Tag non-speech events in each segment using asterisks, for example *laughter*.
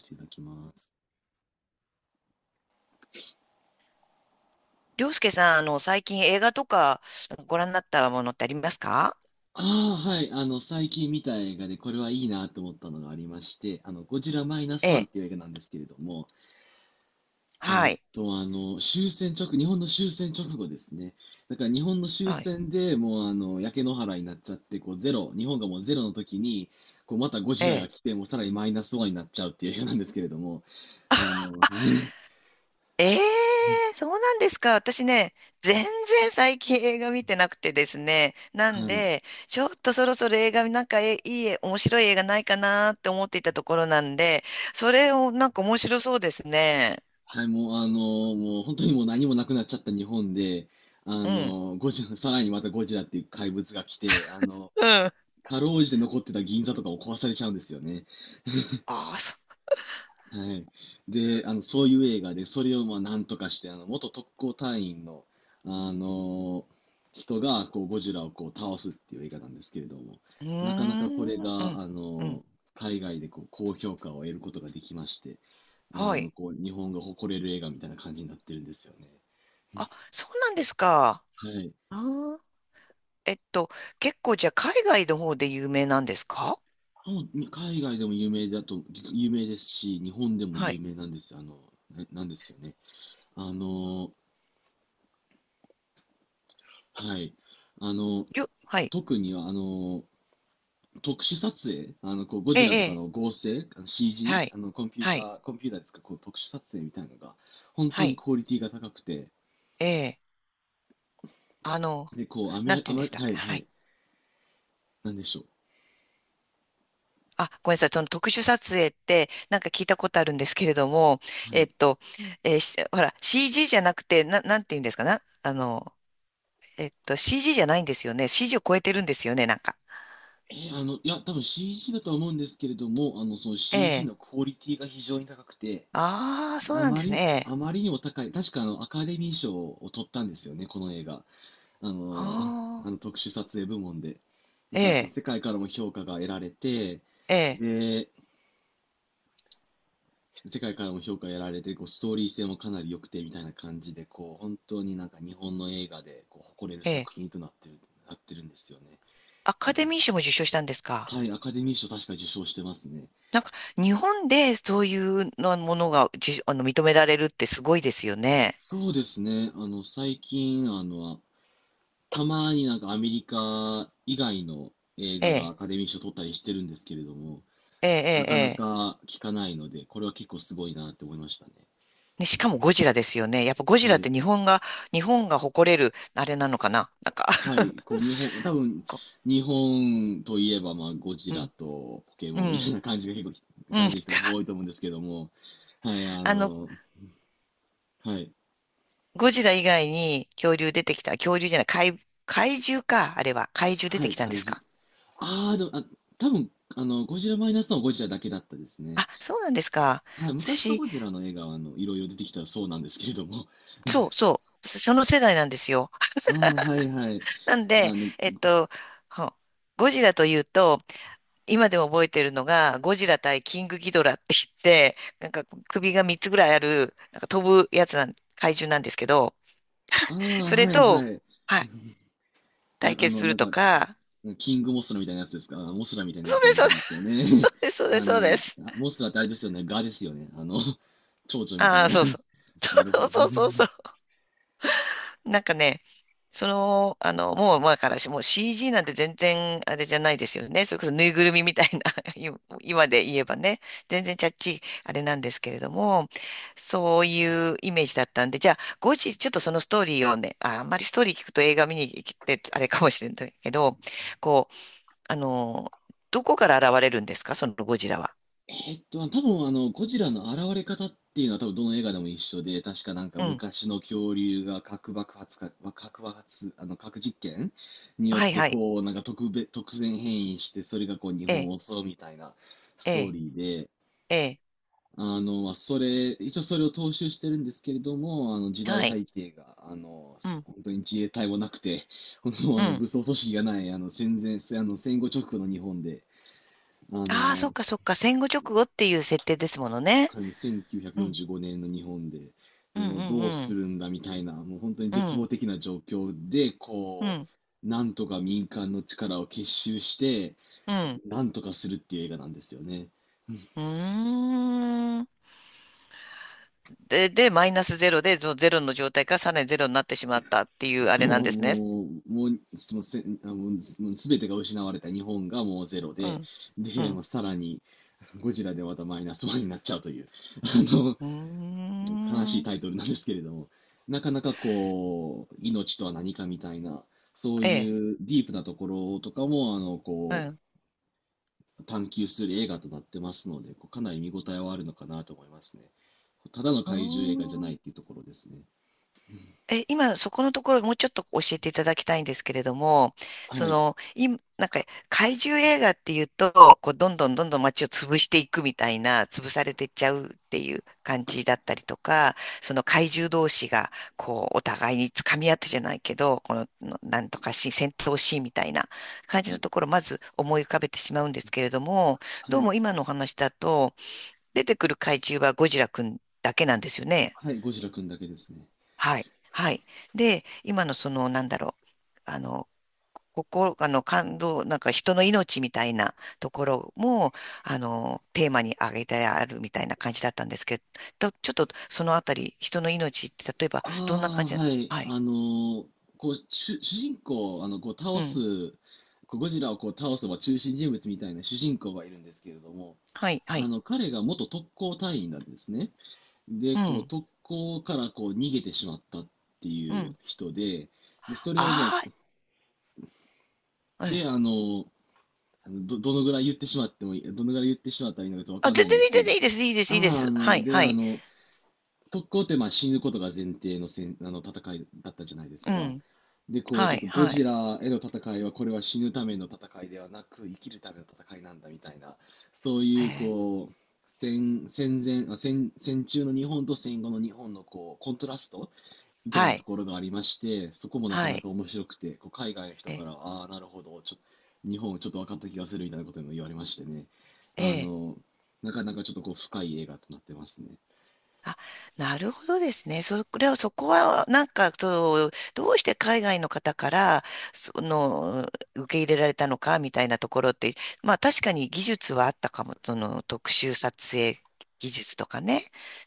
していただきます。りょうすけさん、最近映画とかご覧になったものってありますか？あはい。最近見た映画でこれはいいなと思ったのがありまして、ゴジラマイナえスワンっえ。ていう映画なんですけれども、えはーっい。と、あの、終戦直、日本の終戦直後ですね。だから日本の終はい。戦でもう、焼け野原になっちゃって、こう、ゼロ、日本がもうゼロの時に、こう、またゴえジラがえ。来て、もうさらにマイナスワンになっちゃうっていう映画なんですけれども、あの、*laughs* ええ、そうなんですか。私ね、全然最近映画見てなくてですね。なはんい。で、ちょっとそろそろ映画、なんかえいい、面白い映画ないかなって思っていたところなんで、それをなんか面白そうですね。はい、もうあの、もう本当にもう何もなくなっちゃった日本で、あうん。の、ゴジラ、さらにまたゴジラっていう怪物が来て、うん。あかろうじて残ってた銀座とかを壊されちゃうんですよね。あ、そはい。で、そういう映画で、それをまあなんとかして、元特攻隊員の、あの、人がこうゴジラをこう倒すっていう映画なんですけれども、う。うーなかなかこれん。うが、ん。うん。海外でこう高評価を得ることができまして、はい。こう、日本が誇れる映画みたいな感じになってるんですよね。あ、そうなんですか。はい。あー、えっと、結構じゃあ海外の方で有名なんですか？もう、に海外でも有名だと、有名ですし、日本でもは有い。名なんですよ、なんですよね。あの、はい。あの、はい。特に特殊撮影、こう、ゴえジラとえ、かええ。の合成、あの は CG、い。はい。コンピューターですか、こう、特殊撮影みたいなのが、本は当にい。クオリティが高くて、ええ、あの、で、こう、あなまんり、てあ言うんでましり、たっはけ？いははい。い、なんでしょう。あ、ごめんなさい。その特殊撮影って、なんか聞いたことあるんですけれども、はえっい。と、えーしほら、CG じゃなくて、なんて言うんですかな、えっと、CG じゃないんですよね。CG を超えてるんですよね、なんか。いや、多分 CG だとは思うんですけれども、その え CG え。のクオリティが非常に高くて、ああ、でそうなんですね。ええ。あまりにも高い、確かあのアカデミー賞を取ったんですよね、この映画。あの、あああ、の特殊撮影部門で。だえからこう、え、世界からも評価が得られて、ええ、で、世界からも評価を得られて、こう、ストーリー性もかなり良くてみたいな感じで、こう、本当になんか日本の映画でこう誇れるええ。作品となってるんですよね。アカデミー賞も受賞したんですか？はい、アカデミー賞確か受賞してますね。なんか、日本でそういうのものが、認められるってすごいですよね。そうですね、あの、最近、あの、たまになんかアメリカ以外の映え画がアえ、カデミー賞取ったりしてるんですけれども、ええ、なええ。かなええ、か聞かないので、これは結構すごいなって思いましたね。ね、しかもゴジラですよね。やっぱゴジはラってい。日本が、日本が誇れる、あれなのかな、なんか。 は *laughs* い。こう、こ日本といえば、まあ、ゴジう、うラん、とポケうモンみたいん、な感じがう感ん。じの人が結構多いと思うんですけども、はい、ああの、の、はい。ゴジラ以外に恐竜出てきた、恐竜じゃない、怪獣か、あれは。怪獣出はてい、きたんで怪す獣。か？ああ、でも、あ、多分、あの、ゴジラマイナスのゴジラだけだったですね。あ、そうなんですか。はい、昔の私、ゴジラの映画は、いろいろ出てきたらそうなんですけれども、その世代なんですよ。ああ、はいはい。*laughs* なんあで、の、えっと、ほゴジラというと、今でも覚えてるのが、ゴジラ対キングギドラって言って、なんか首が3つぐらいある、なんか飛ぶやつなん、怪獣なんですけど、ああ、それはいと、はい。はい、あ、対あ決の、するなんとか、か、キングモスラみたいなやつですか。あモスラみたいなやそうつでも出す、てくるんですよね。そ *laughs* うです、そうです、そうです。そうであすモスラってあれですよね。ガですよね。*laughs* 蝶々みたあいあ、な。そうそう。*laughs* なるほ *laughs* ど。*laughs* そうそうそうそう。なんかね、その、もう前からし、もう CG なんて全然あれじゃないですよね。それこそぬいぐるみみたいな、*laughs* 今で言えばね、全然ちゃっちいあれなんですけれども、そういうイメージだったんで、じゃあ、後日ちょっとそのストーリーをね、あ、あんまりストーリー聞くと映画見に行ってあれかもしれないけど、こう、あの、どこから現れるんですか、そのゴジラは？えーっと、多分あの、ゴジラの現れ方っていうのは多分どの映画でも一緒で、確かなんかうん。昔の恐竜が核爆発、核実験によっはいてはい。こう、なんか特別、突然変異して、それがこう日え本え、を襲うみたいなスえトーえ、リーええ。あの、まあそれ、一応それを踏襲してるんですけれども、時は代い。背景が、うん。本当に自衛隊もなくて、*laughs* 本当あうの、ん。武装組織がない、あの、戦前、せあの、戦後直後の日本で、あああ、そっの、かそっか。戦後直後っていう設定ですものね。1945うん、年の日本で、うん、でもうどううすん、るんだみたいな、もう本当にうん、絶う望ん、的な状況で、うこん、う、なんとか民間の力を結集して、うん。なんとかするっていう映画なんですよね。うーん。で、で、マイナスゼロで、そのゼロの状態からさらにゼロになってしまったっていうあれそなんう、ですね。もう、もう、そのせ、あ、もう、すもう全てが失われた日本がもうゼロうで、ん、うで、まあ、ん。さらに、ゴジラでまたマイナスワンになっちゃうという、あの、うー悲しいタイん。トルなんですけれども、なかなかこう、命とは何かみたいな、そうええ、いうディープなところとかも、うこん。う、探求する映画となってますので、こうかなり見応えはあるのかなと思いますね。ただのうー怪獣映画じゃないん、っていうところですね。え、今、そこのところ、もうちょっと教えていただきたいんですけれども、そはい、の、今、なんか、怪獣映画っていうと、こう、どんどんどんどん街を潰していくみたいな、潰されてっちゃうっていう感じだったりとか、その怪獣同士が、こう、お互いに掴み合ってじゃないけど、この、のなんとかし、戦闘シーンみたいな感はじのい、ところ、まず思い浮かべてしまうんですけれども、はどうい、も今のお話だと、出てくる怪獣はゴジラくんだけなんですよね。はい、ゴジラくんだけですね。はい。はい。で、今のその、なんだろう。ここ、感動、なんか人の命みたいなところも、テーマに挙げてあるみたいな感じだったんですけど、ちょっとそのあたり、人の命って、例えば、どんな感あじあ、な？はい。はい。ーこう、主人公を、あの、こう、倒うん。す、こう、ゴジラをこう倒す、まあ、中心人物みたいな主人公がいるんですけれども、はい、はい。彼が元特攻隊員なんですね。で、うこう、ん。特攻からこう、逃げてしまったってういうん。人で、で、それをもああ、う、うん。で、あの、あのど、どのぐらい言ってしまってもいい、どのぐらい言ってしまったらいいのかとわあ、かんな全いんで然いすい、け全ど、然いいです、いいです、いいでああ、あす。はの、い、で、はあい。の、特攻ってまあ死ぬことが前提のせんあの戦いだったじゃないでうすか。ん。で、こう、はちょっい、とゴはジい。ラへの戦いは、これは死ぬための戦いではなく、生きるための戦いなんだみたいな、そうへいう、え、こう、戦、戦前、あ戦、戦中の日本と戦後の日本の、こう、コントラストみたいはなとい、ころがありまして、そこもなかはない。か面白くて、こう海外の人え、から、ああ、なるほど、ちょっと、日本ちょっと分かった気がするみたいなことも言われましてね。あええ、の、なかなかちょっとこう、深い映画となってますね。あ、なるほどですね。それは、そこは、なんか、そう、どうして海外の方から、その、受け入れられたのか、みたいなところって、まあ、確かに技術はあったかも、その、特殊撮影技術とかね、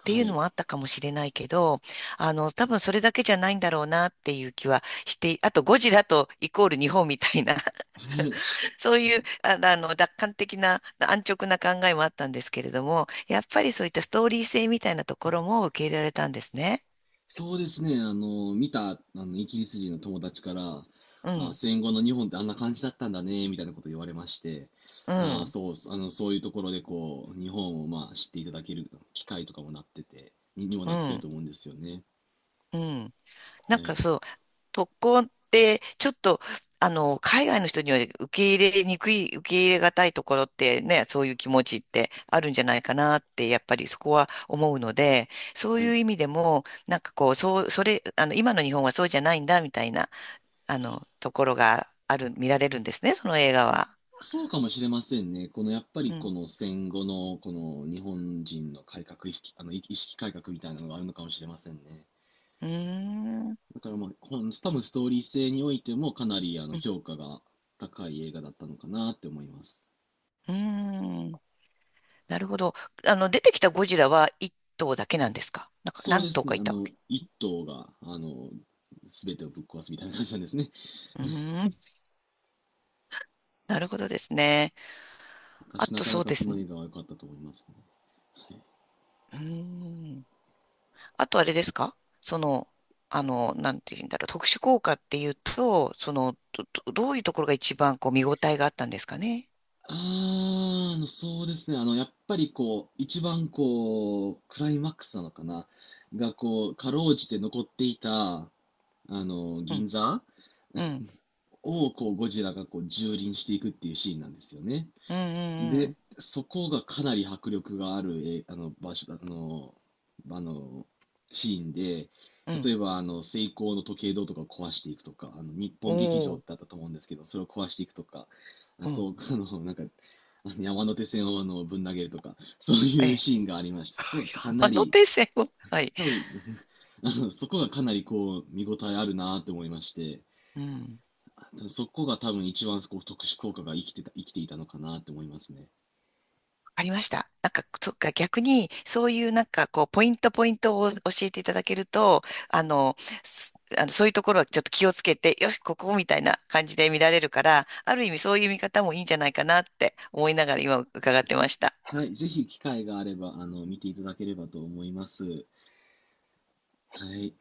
っていはうのい。もあったかもしれないけど、多分それだけじゃないんだろうな、っていう気はして、あと、ゴジラとイコール日本みたいなそういう、楽観的な、安直な考えもあったんですけれども、やっぱりそういったストーリー性みたいなところも受け入れられたんですね。そうですね、あの、見た、あの、イギリス人の友達から、うあ、ん、戦後の日本ってあんな感じだったんだね、みたいなこと言われまして、うん、そういうところでこう、日本をまあ知っていただける機会とかもなってて、に、にもうなってるん、と思うんですよね。うん。なはんかい。そう、特攻って、ちょっと、海外の人には受け入れにくい、受け入れがたいところってね、そういう気持ちってあるんじゃないかなって、やっぱりそこは思うので、そうはいい。う意味でも、なんかこう、そう、それ、今の日本はそうじゃないんだ、みたいな。ところがある、見られるんですね、その映画は。そうかもしれませんね。このやっぱうりこん。の戦後のこの日本人の改革意識、あの意識改革みたいなのがあるのかもしれませんね。うーん。だから多分ストーリー性においてもかなりあうのん。評価が高い映画だったのかなって思います。うーん、なるほど。出てきたゴジラは一頭だけなんですか、なんかそうで何頭すかね、いたわけ？一頭が、すべてをぶっ壊すみたいな感じなんですね。うーん。なるほどですね。あ私なとかそなうかでこすのね。映画は良かったと思いますね。はい、うーん。あとあれですか、その、なんて言うんだろう。特殊効果っていうと、その、どういうところが一番こう見応えがあったんですかね？あやっぱりこう、一番こう、クライマックスなのかな、がこう、かろうじて残っていた、う銀ん。座うん。をこう、ゴジラがこう、蹂躙していくっていうシーンなんですよね。うん。うで、ん。そこがかなり迫力がある、え、あの、場所、あの、あの、シーンで、うん。う例ん、えば、セイコーの時計塔とかを壊していくとか、日本劇場おってあー。ったと思うんですけど、それを壊していくとか、あうん。と、あの、なんか、あの山手線をあのぶん投げるとか、そうえいうえ。シーンがありました。そこがかな山り、手線を。はい。多分 *laughs* そこがかなりこう、見応えあるなと思いまして、うん。そこが多分一番こう特殊効果が生きていたのかなと思いますね。わかりました。なんか、そっか、逆に、そういうなんか、こう、ポイントポイントを教えていただけると、あの、すあの、そういうところはちょっと気をつけて、よし、ここみたいな感じで見られるから、ある意味そういう見方もいいんじゃないかなって思いながら今伺ってました。はい、ぜひ機会があれば、見ていただければと思います。はい。